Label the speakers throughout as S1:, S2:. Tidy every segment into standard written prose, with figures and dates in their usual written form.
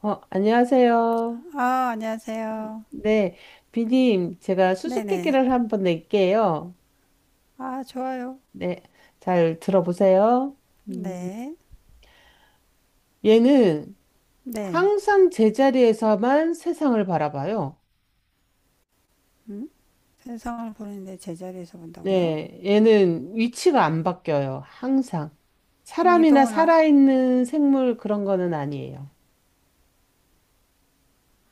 S1: 안녕하세요.
S2: 아, 안녕하세요.
S1: 네, 비님, 제가
S2: 네네.
S1: 수수께끼를 한번 낼게요.
S2: 아, 좋아요.
S1: 네, 잘 들어보세요. 음,
S2: 네.
S1: 얘는
S2: 네.
S1: 항상 제자리에서만 세상을 바라봐요.
S2: 음? 세상을 보는데 제자리에서 본다고요?
S1: 네, 얘는 위치가 안 바뀌어요. 항상.
S2: 그럼
S1: 사람이나
S2: 이동은 아,
S1: 살아있는 생물 그런 거는 아니에요.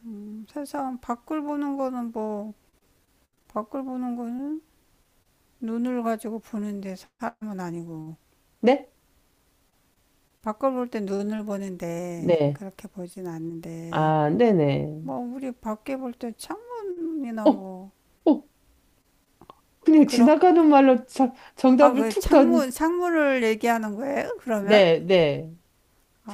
S2: 세상 밖을 보는 거는 뭐, 밖을 보는 거는 눈을 가지고 보는데 사람은 아니고,
S1: 네?
S2: 밖을 볼 때 눈을 보는데
S1: 네.
S2: 그렇게 보진 않는데,
S1: 아, 네네.
S2: 뭐, 우리 밖에 볼 때 창문이나
S1: 어,
S2: 뭐,
S1: 어, 그냥
S2: 그런,
S1: 지나가는 말로
S2: 아,
S1: 정답을
S2: 그
S1: 툭 던,
S2: 창문, 창문을 얘기하는 거예요? 그러면?
S1: 네, 네.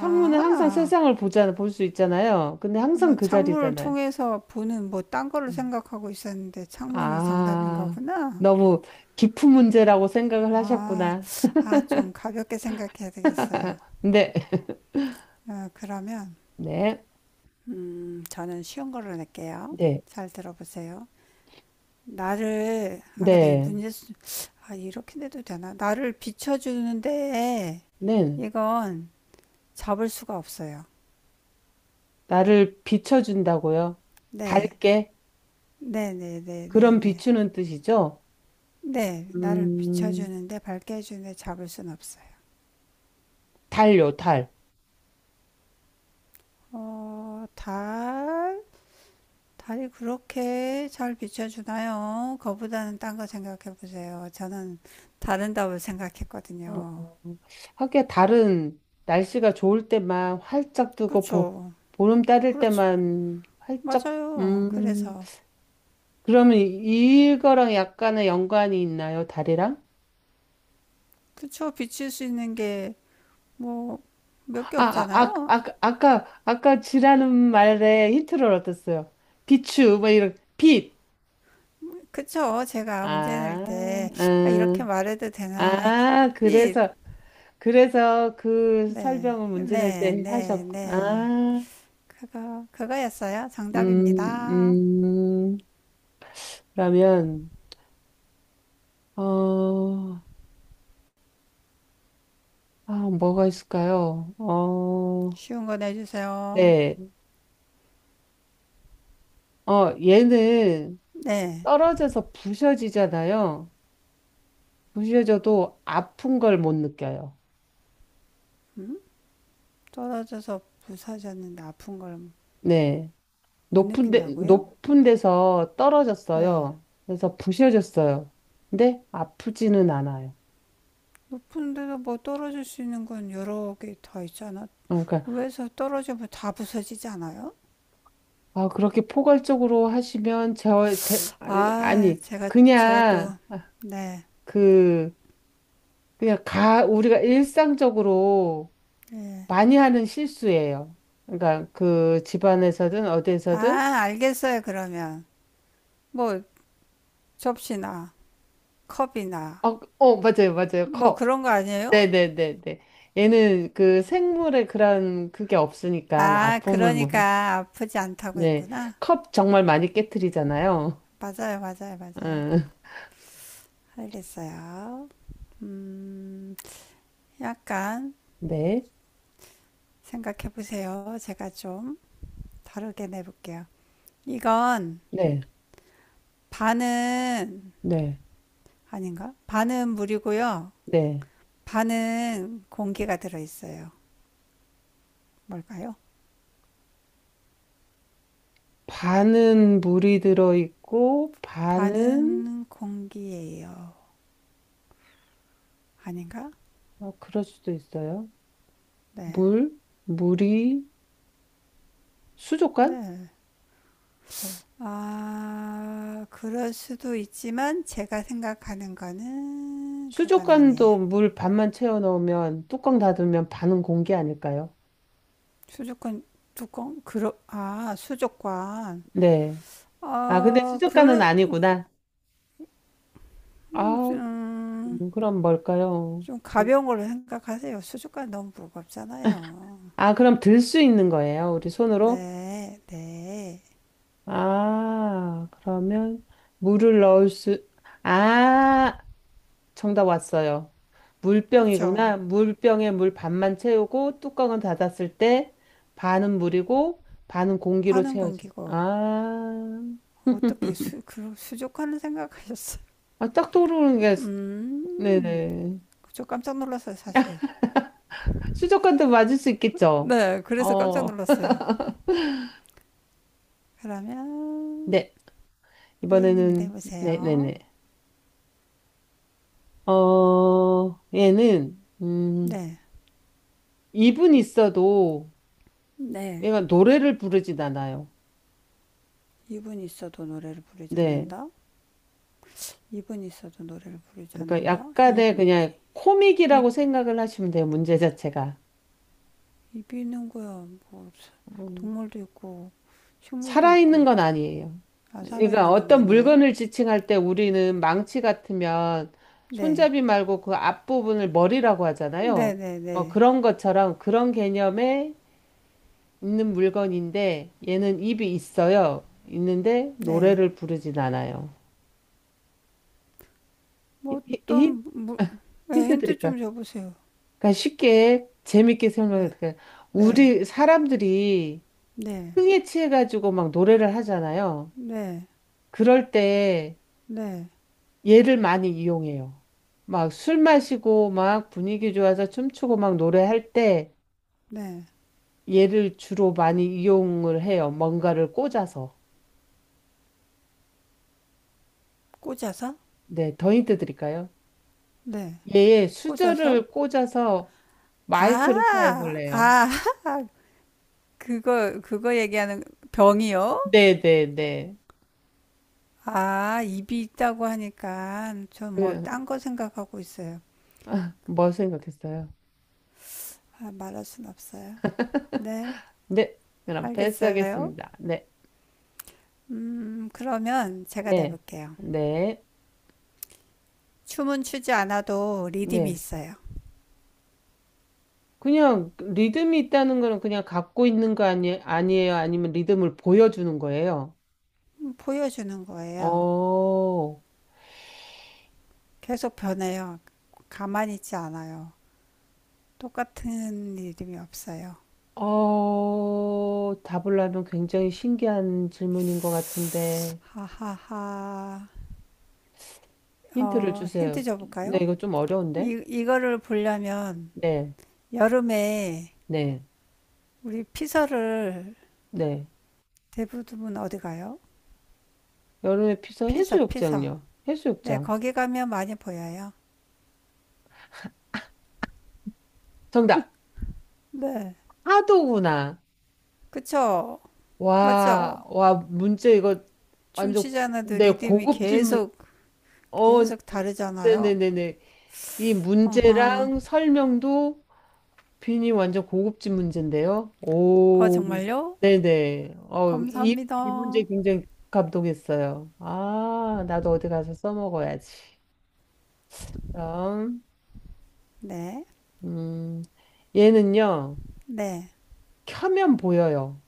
S1: 창문은 항상 세상을 볼 수 있잖아요. 근데
S2: 아,
S1: 항상
S2: 난
S1: 그
S2: 창문을
S1: 자리잖아요.
S2: 통해서 보는 뭐 딴 거를
S1: 음.
S2: 생각하고 있었는데 창문이 정답인
S1: 아,
S2: 거구나.
S1: 너무 깊은 문제라고 생각을
S2: 아,
S1: 하셨구나.
S2: 아, 좀 가볍게 생각해야 되겠어요.
S1: 근데,
S2: 어, 그러면,
S1: 네,
S2: 저는 쉬운 걸로 낼게요.
S1: 네,
S2: 잘 들어보세요. 나를, 아, 근데 이
S1: 네,
S2: 문제, 수- 아, 이렇게 내도 되나? 나를 비춰주는데
S1: 네.
S2: 이건 잡을 수가 없어요.
S1: 나를 비춰준다고요?
S2: 네,
S1: 밝게?
S2: 네, 네, 네, 네,
S1: 그런
S2: 네.
S1: 비추는 뜻이죠?
S2: 네, 나를
S1: 음,
S2: 비춰주는데 밝게 해주는데 잡을 순 없어요.
S1: 달요, 달.
S2: 어, 달? 달이 그렇게 잘 비춰주나요? 그거보다는 딴 거 생각해 보세요. 저는 다른 답을
S1: 어,
S2: 생각했거든요.
S1: 하기야 달은 날씨가 좋을 때만 활짝 뜨고,
S2: 그쵸?
S1: 보름 따를
S2: 그렇죠.
S1: 때만 활짝,
S2: 맞아요.
S1: 음,
S2: 그래서.
S1: 그러면 이거랑 약간의 연관이 있나요? 다리랑?
S2: 그쵸? 비칠 수 있는 게 뭐, 몇 개 없잖아요.
S1: 아까 쥐라는 말에 힌트를 얻었어요. 비추, 뭐 이런, 빛.
S2: 그쵸? 제가 문제
S1: 아,
S2: 낼 때, 아, 이렇게
S1: 아,
S2: 말해도 되나?
S1: 아,
S2: 빛.
S1: 그래서, 그래서 그
S2: 네.
S1: 설명을 문제 낼
S2: 네,
S1: 때
S2: 네,
S1: 하셨고.
S2: 네. 그거였어요.
S1: 음,
S2: 정답입니다.
S1: 음, 그러면, 어, 아, 뭐가 있을까요?
S2: 쉬운 거 내주세요.
S1: 네. 얘는
S2: 네.
S1: 떨어져서 부셔지잖아요. 부셔져도 아픈 걸 못 느껴요.
S2: 음? 떨어져서 부서졌는데 아픈 걸
S1: 네.
S2: 못 느낀다고요?
S1: 높은 데서
S2: 네.
S1: 떨어졌어요. 그래서 부셔졌어요. 근데 아프지는 않아요.
S2: 높은 데서 뭐 떨어질 수 있는 건 여러 개 다 있잖아.
S1: 그러니까,
S2: 위에서 떨어지면 다 부서지지 않아요?
S1: 그렇게 포괄적으로 하시면, 제, 아니,
S2: 아,
S1: 아니,
S2: 제가
S1: 그냥,
S2: 또, 네.
S1: 그, 그냥 우리가 일상적으로
S2: 예.
S1: 많이 하는 실수예요. 그러니까, 그 집안에서든
S2: 아,
S1: 어디에서든,
S2: 알겠어요, 그러면. 뭐, 접시나, 컵이나,
S1: 어, 맞아요, 맞아요.
S2: 뭐
S1: 컵.
S2: 그런 거 아니에요?
S1: 네네네네. 얘는 그 생물의 그런 그게 없으니까
S2: 아,
S1: 아픔을 못,
S2: 그러니까 아프지 않다고
S1: 네.
S2: 했구나.
S1: 컵 정말 많이 깨트리잖아요.
S2: 맞아요, 맞아요, 맞아요.
S1: 응.
S2: 알겠어요. 음, 약간
S1: 네.
S2: 생각해 보세요. 제가 좀 다르게 내볼게요. 이건
S1: 네.
S2: 반은
S1: 네.
S2: 아닌가? 반은 물이고요.
S1: 네.
S2: 반은 공기가 들어 있어요. 뭘까요?
S1: 반은 물이 들어있고, 반은,
S2: 반은 공기예요. 아닌가?
S1: 아, 그럴 수도 있어요.
S2: 네.
S1: 물, 물이, 수족관?
S2: 네.
S1: 아,
S2: 아, 그럴 수도 있지만 제가 생각하는 거는 그건 아니에요.
S1: 수족관도 물 반만 채워 넣으면, 뚜껑 닫으면 반은 공기 아닐까요?
S2: 수족관 뚜껑? 그러, 아, 수족관.
S1: 네. 아, 근데
S2: 아,
S1: 수족관은
S2: 그,
S1: 아니구나.
S2: 음,
S1: 아,
S2: 음,
S1: 그럼 뭘까요?
S2: 좀 가벼운 걸로 생각하세요. 수족관 너무 무겁잖아요.
S1: 아, 그럼 들 수 있는 거예요? 우리 손으로?
S2: 네, 네.
S1: 아, 그러면 물을 넣을 수, 아, 정답 왔어요.
S2: 그쵸.
S1: 물병이구나. 물병에 물 반만 채우고 뚜껑은 닫았을 때 반은 물이고 반은 공기로
S2: 파는
S1: 채워져.
S2: 건기고. 어떻게 수, 그, 수족관을 생각하셨어요?
S1: 딱 떠오르는 게,
S2: 음,
S1: 네네.
S2: 저 깜짝 놀랐어요, 사실.
S1: 수족관도 맞을 수 있겠죠?
S2: 네, 그래서 깜짝
S1: 어,
S2: 놀랐어요. 그러면,
S1: 네.
S2: A님이
S1: 이번에는,
S2: 내보세요.
S1: 네네네. 얘는,
S2: 네.
S1: 입은 있어도
S2: 네.
S1: 얘가 노래를 부르진 않아요.
S2: 입은 있어도 노래를 부르지
S1: 네.
S2: 않는다. 입은 있어도 노래를 부르지
S1: 그러니까
S2: 않는다. 입,
S1: 약간의 그냥
S2: 입,
S1: 코믹이라고 생각을 하시면 돼요. 문제 자체가.
S2: 입이 있는 거야. 뭐,
S1: 음,
S2: 동물도 있고, 식물도
S1: 살아있는
S2: 있고,
S1: 건 아니에요.
S2: 아,
S1: 그러니까
S2: 살아있는 건
S1: 어떤
S2: 아니에요?
S1: 물건을 지칭할 때 우리는 망치 같으면
S2: 네.
S1: 손잡이 말고 그 앞부분을 머리라고 하잖아요.
S2: 네네네.
S1: 뭐 그런 것처럼 그런 개념에 있는 물건인데 얘는 입이 있어요. 있는데
S2: 네.
S1: 노래를 부르진 않아요.
S2: 뭐
S1: 히- 히-
S2: 어떤, 뭐, 네,
S1: 힌트
S2: 힌트
S1: 드릴까?
S2: 좀 줘보세요.
S1: 그러니까 쉽게 재밌게 설명해
S2: 네.
S1: 드릴까?
S2: 네.
S1: 우리 사람들이
S2: 네.
S1: 흥에 취해 가지고 막 노래를 하잖아요.
S2: 네.
S1: 그럴 때
S2: 네.
S1: 얘를 많이 이용해요. 막 술 마시고 막 분위기 좋아서 춤추고 막 노래할 때
S2: 네.
S1: 얘를 주로 많이 이용을 해요. 뭔가를 꽂아서.
S2: 꽂아서?
S1: 네, 더 힌트 드릴까요?
S2: 네.
S1: 얘의
S2: 꽂아서?
S1: 수저를 꽂아서 마이크를 사용을
S2: 아,
S1: 해요.
S2: 아, 그거 얘기하는 병이요?
S1: 네, 네, 네.
S2: 아, 입이 있다고 하니까 전 막
S1: 그
S2: 딴 거 생각하고 있어요.
S1: 아, 뭐 생각했어요?
S2: 아, 말할 순 없어요. 네,
S1: 네, 그럼
S2: 알겠어요.
S1: 패스하겠습니다. 네,
S2: 그러면 제가
S1: 네,
S2: 내볼게요.
S1: 네,
S2: 춤은 추지 않아도 리듬이
S1: 네.
S2: 있어요.
S1: 그냥 리듬이 있다는 거는 그냥 갖고 있는 거 아니, 아니에요? 아니면 리듬을 보여주는 거예요?
S2: 보여주는 거예요.
S1: 어,
S2: 계속 변해요. 가만히 있지 않아요. 똑같은 리듬이 없어요.
S1: 답을 하면 굉장히 신기한 질문인 것 같은데,
S2: 하하하.
S1: 힌트를
S2: 어, 힌트
S1: 주세요. 네,
S2: 줘볼까요?
S1: 이거 좀 어려운데?
S2: 이거를 보려면
S1: 네,
S2: 여름에
S1: 네,
S2: 우리 피서를
S1: 네.
S2: 대부분 어디 가요?
S1: 여름에 피서
S2: 피서, 피서.
S1: 해수욕장요.
S2: 네,
S1: 해수욕장.
S2: 거기 가면 많이 보여요.
S1: 정답.
S2: 네.
S1: 파도구나.
S2: 그쵸?
S1: 와,
S2: 맞죠?
S1: 와, 문제 이거 완전
S2: 춤추지 않아도
S1: 내
S2: 리듬이
S1: 고급진
S2: 계속,
S1: 어,
S2: 계속 다르잖아요.
S1: 네네네네. 이 문제랑
S2: 어허.
S1: 설명도 빈이 완전 고급진 문제인데요.
S2: 어,
S1: 오,
S2: 정말요?
S1: 네네. 이 문제
S2: 감사합니다.
S1: 굉장히 감동했어요. 아, 나도 어디 가서 써먹어야지. 그럼,
S2: 네.
S1: 음, 얘는요,
S2: 네.
S1: 켜면 보여요.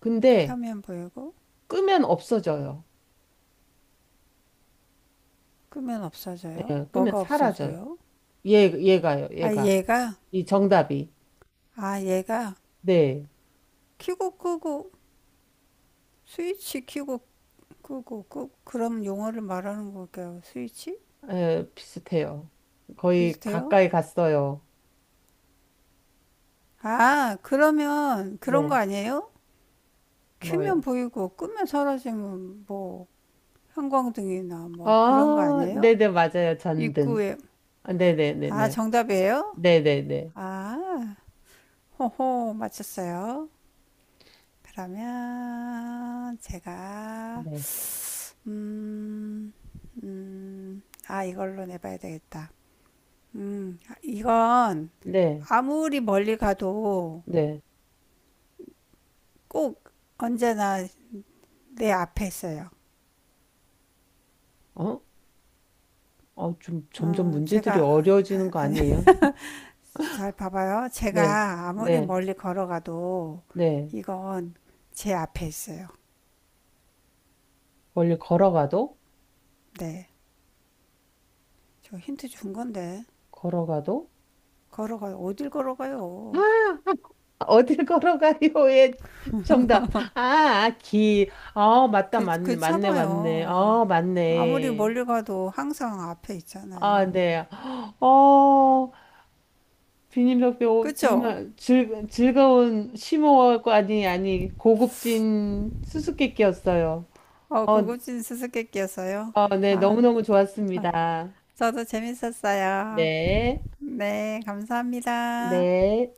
S1: 근데
S2: 켜면 보이고,
S1: 끄면 없어져요.
S2: 끄면 없어져요.
S1: 예, 끄면
S2: 뭐가
S1: 사라져요.
S2: 없어져요?
S1: 얘가요,
S2: 아,
S1: 얘가.
S2: 얘가,
S1: 이 정답이.
S2: 아, 얘가,
S1: 네,
S2: 켜고 끄고, 스위치 켜고 끄고, 끄, 그럼 용어를 말하는 걸까요? 스위치?
S1: 비슷해요. 거의
S2: 비슷해요?
S1: 가까이 갔어요.
S2: 아, 그러면 그런
S1: 네,
S2: 거 아니에요? 켜면
S1: 뭐요?
S2: 보이고, 끄면 사라지면 뭐, 형광등이나 뭐 그런 거
S1: 아,
S2: 아니에요?
S1: 네네, 맞아요. 전등.
S2: 입구에,
S1: 아,
S2: 아,
S1: 네네네네.
S2: 정답이에요?
S1: 네네네.
S2: 아, 호호, 맞췄어요. 그러면 제가
S1: 네,
S2: 음, 아 이걸로 내봐야 되겠다. 이건
S1: 네,
S2: 아무리 멀리 가도
S1: 네.
S2: 꼭 언제나 내 앞에 있어요.
S1: 어? 좀 점점
S2: 어,
S1: 문제들이
S2: 제가 아,
S1: 어려워지는 거
S2: 아니
S1: 아니에요?
S2: 잘 봐봐요.
S1: 네,
S2: 제가 아무리
S1: 네,
S2: 멀리 걸어가도
S1: 네.
S2: 이건 제 앞에 있어요.
S1: 멀리 걸어가도?
S2: 네, 저 힌트 준 건데
S1: 걸어가도?
S2: 걸어가요. 어딜 걸어가요?
S1: 아, 어딜 걸어가요의 정답. 아, 아, 길. 아, 맞다,
S2: 그,
S1: 맞네, 맞네, 맞네.
S2: 괜찮아요.
S1: 아,
S2: 아무리
S1: 맞네.
S2: 멀리 가도 항상 앞에
S1: 아,
S2: 있잖아요.
S1: 네. 어, 비님 덕배 오,
S2: 그죠?
S1: 정말 즐거운 심오하고 아니, 아니, 고급진 수수께끼였어요.
S2: 어,
S1: 어,
S2: 고급진 수수께끼였어요.
S1: 네,
S2: 아,
S1: 너무너무
S2: 아,
S1: 좋았습니다.
S2: 저도 재밌었어요.
S1: 네,
S2: 네, 감사합니다.
S1: 네.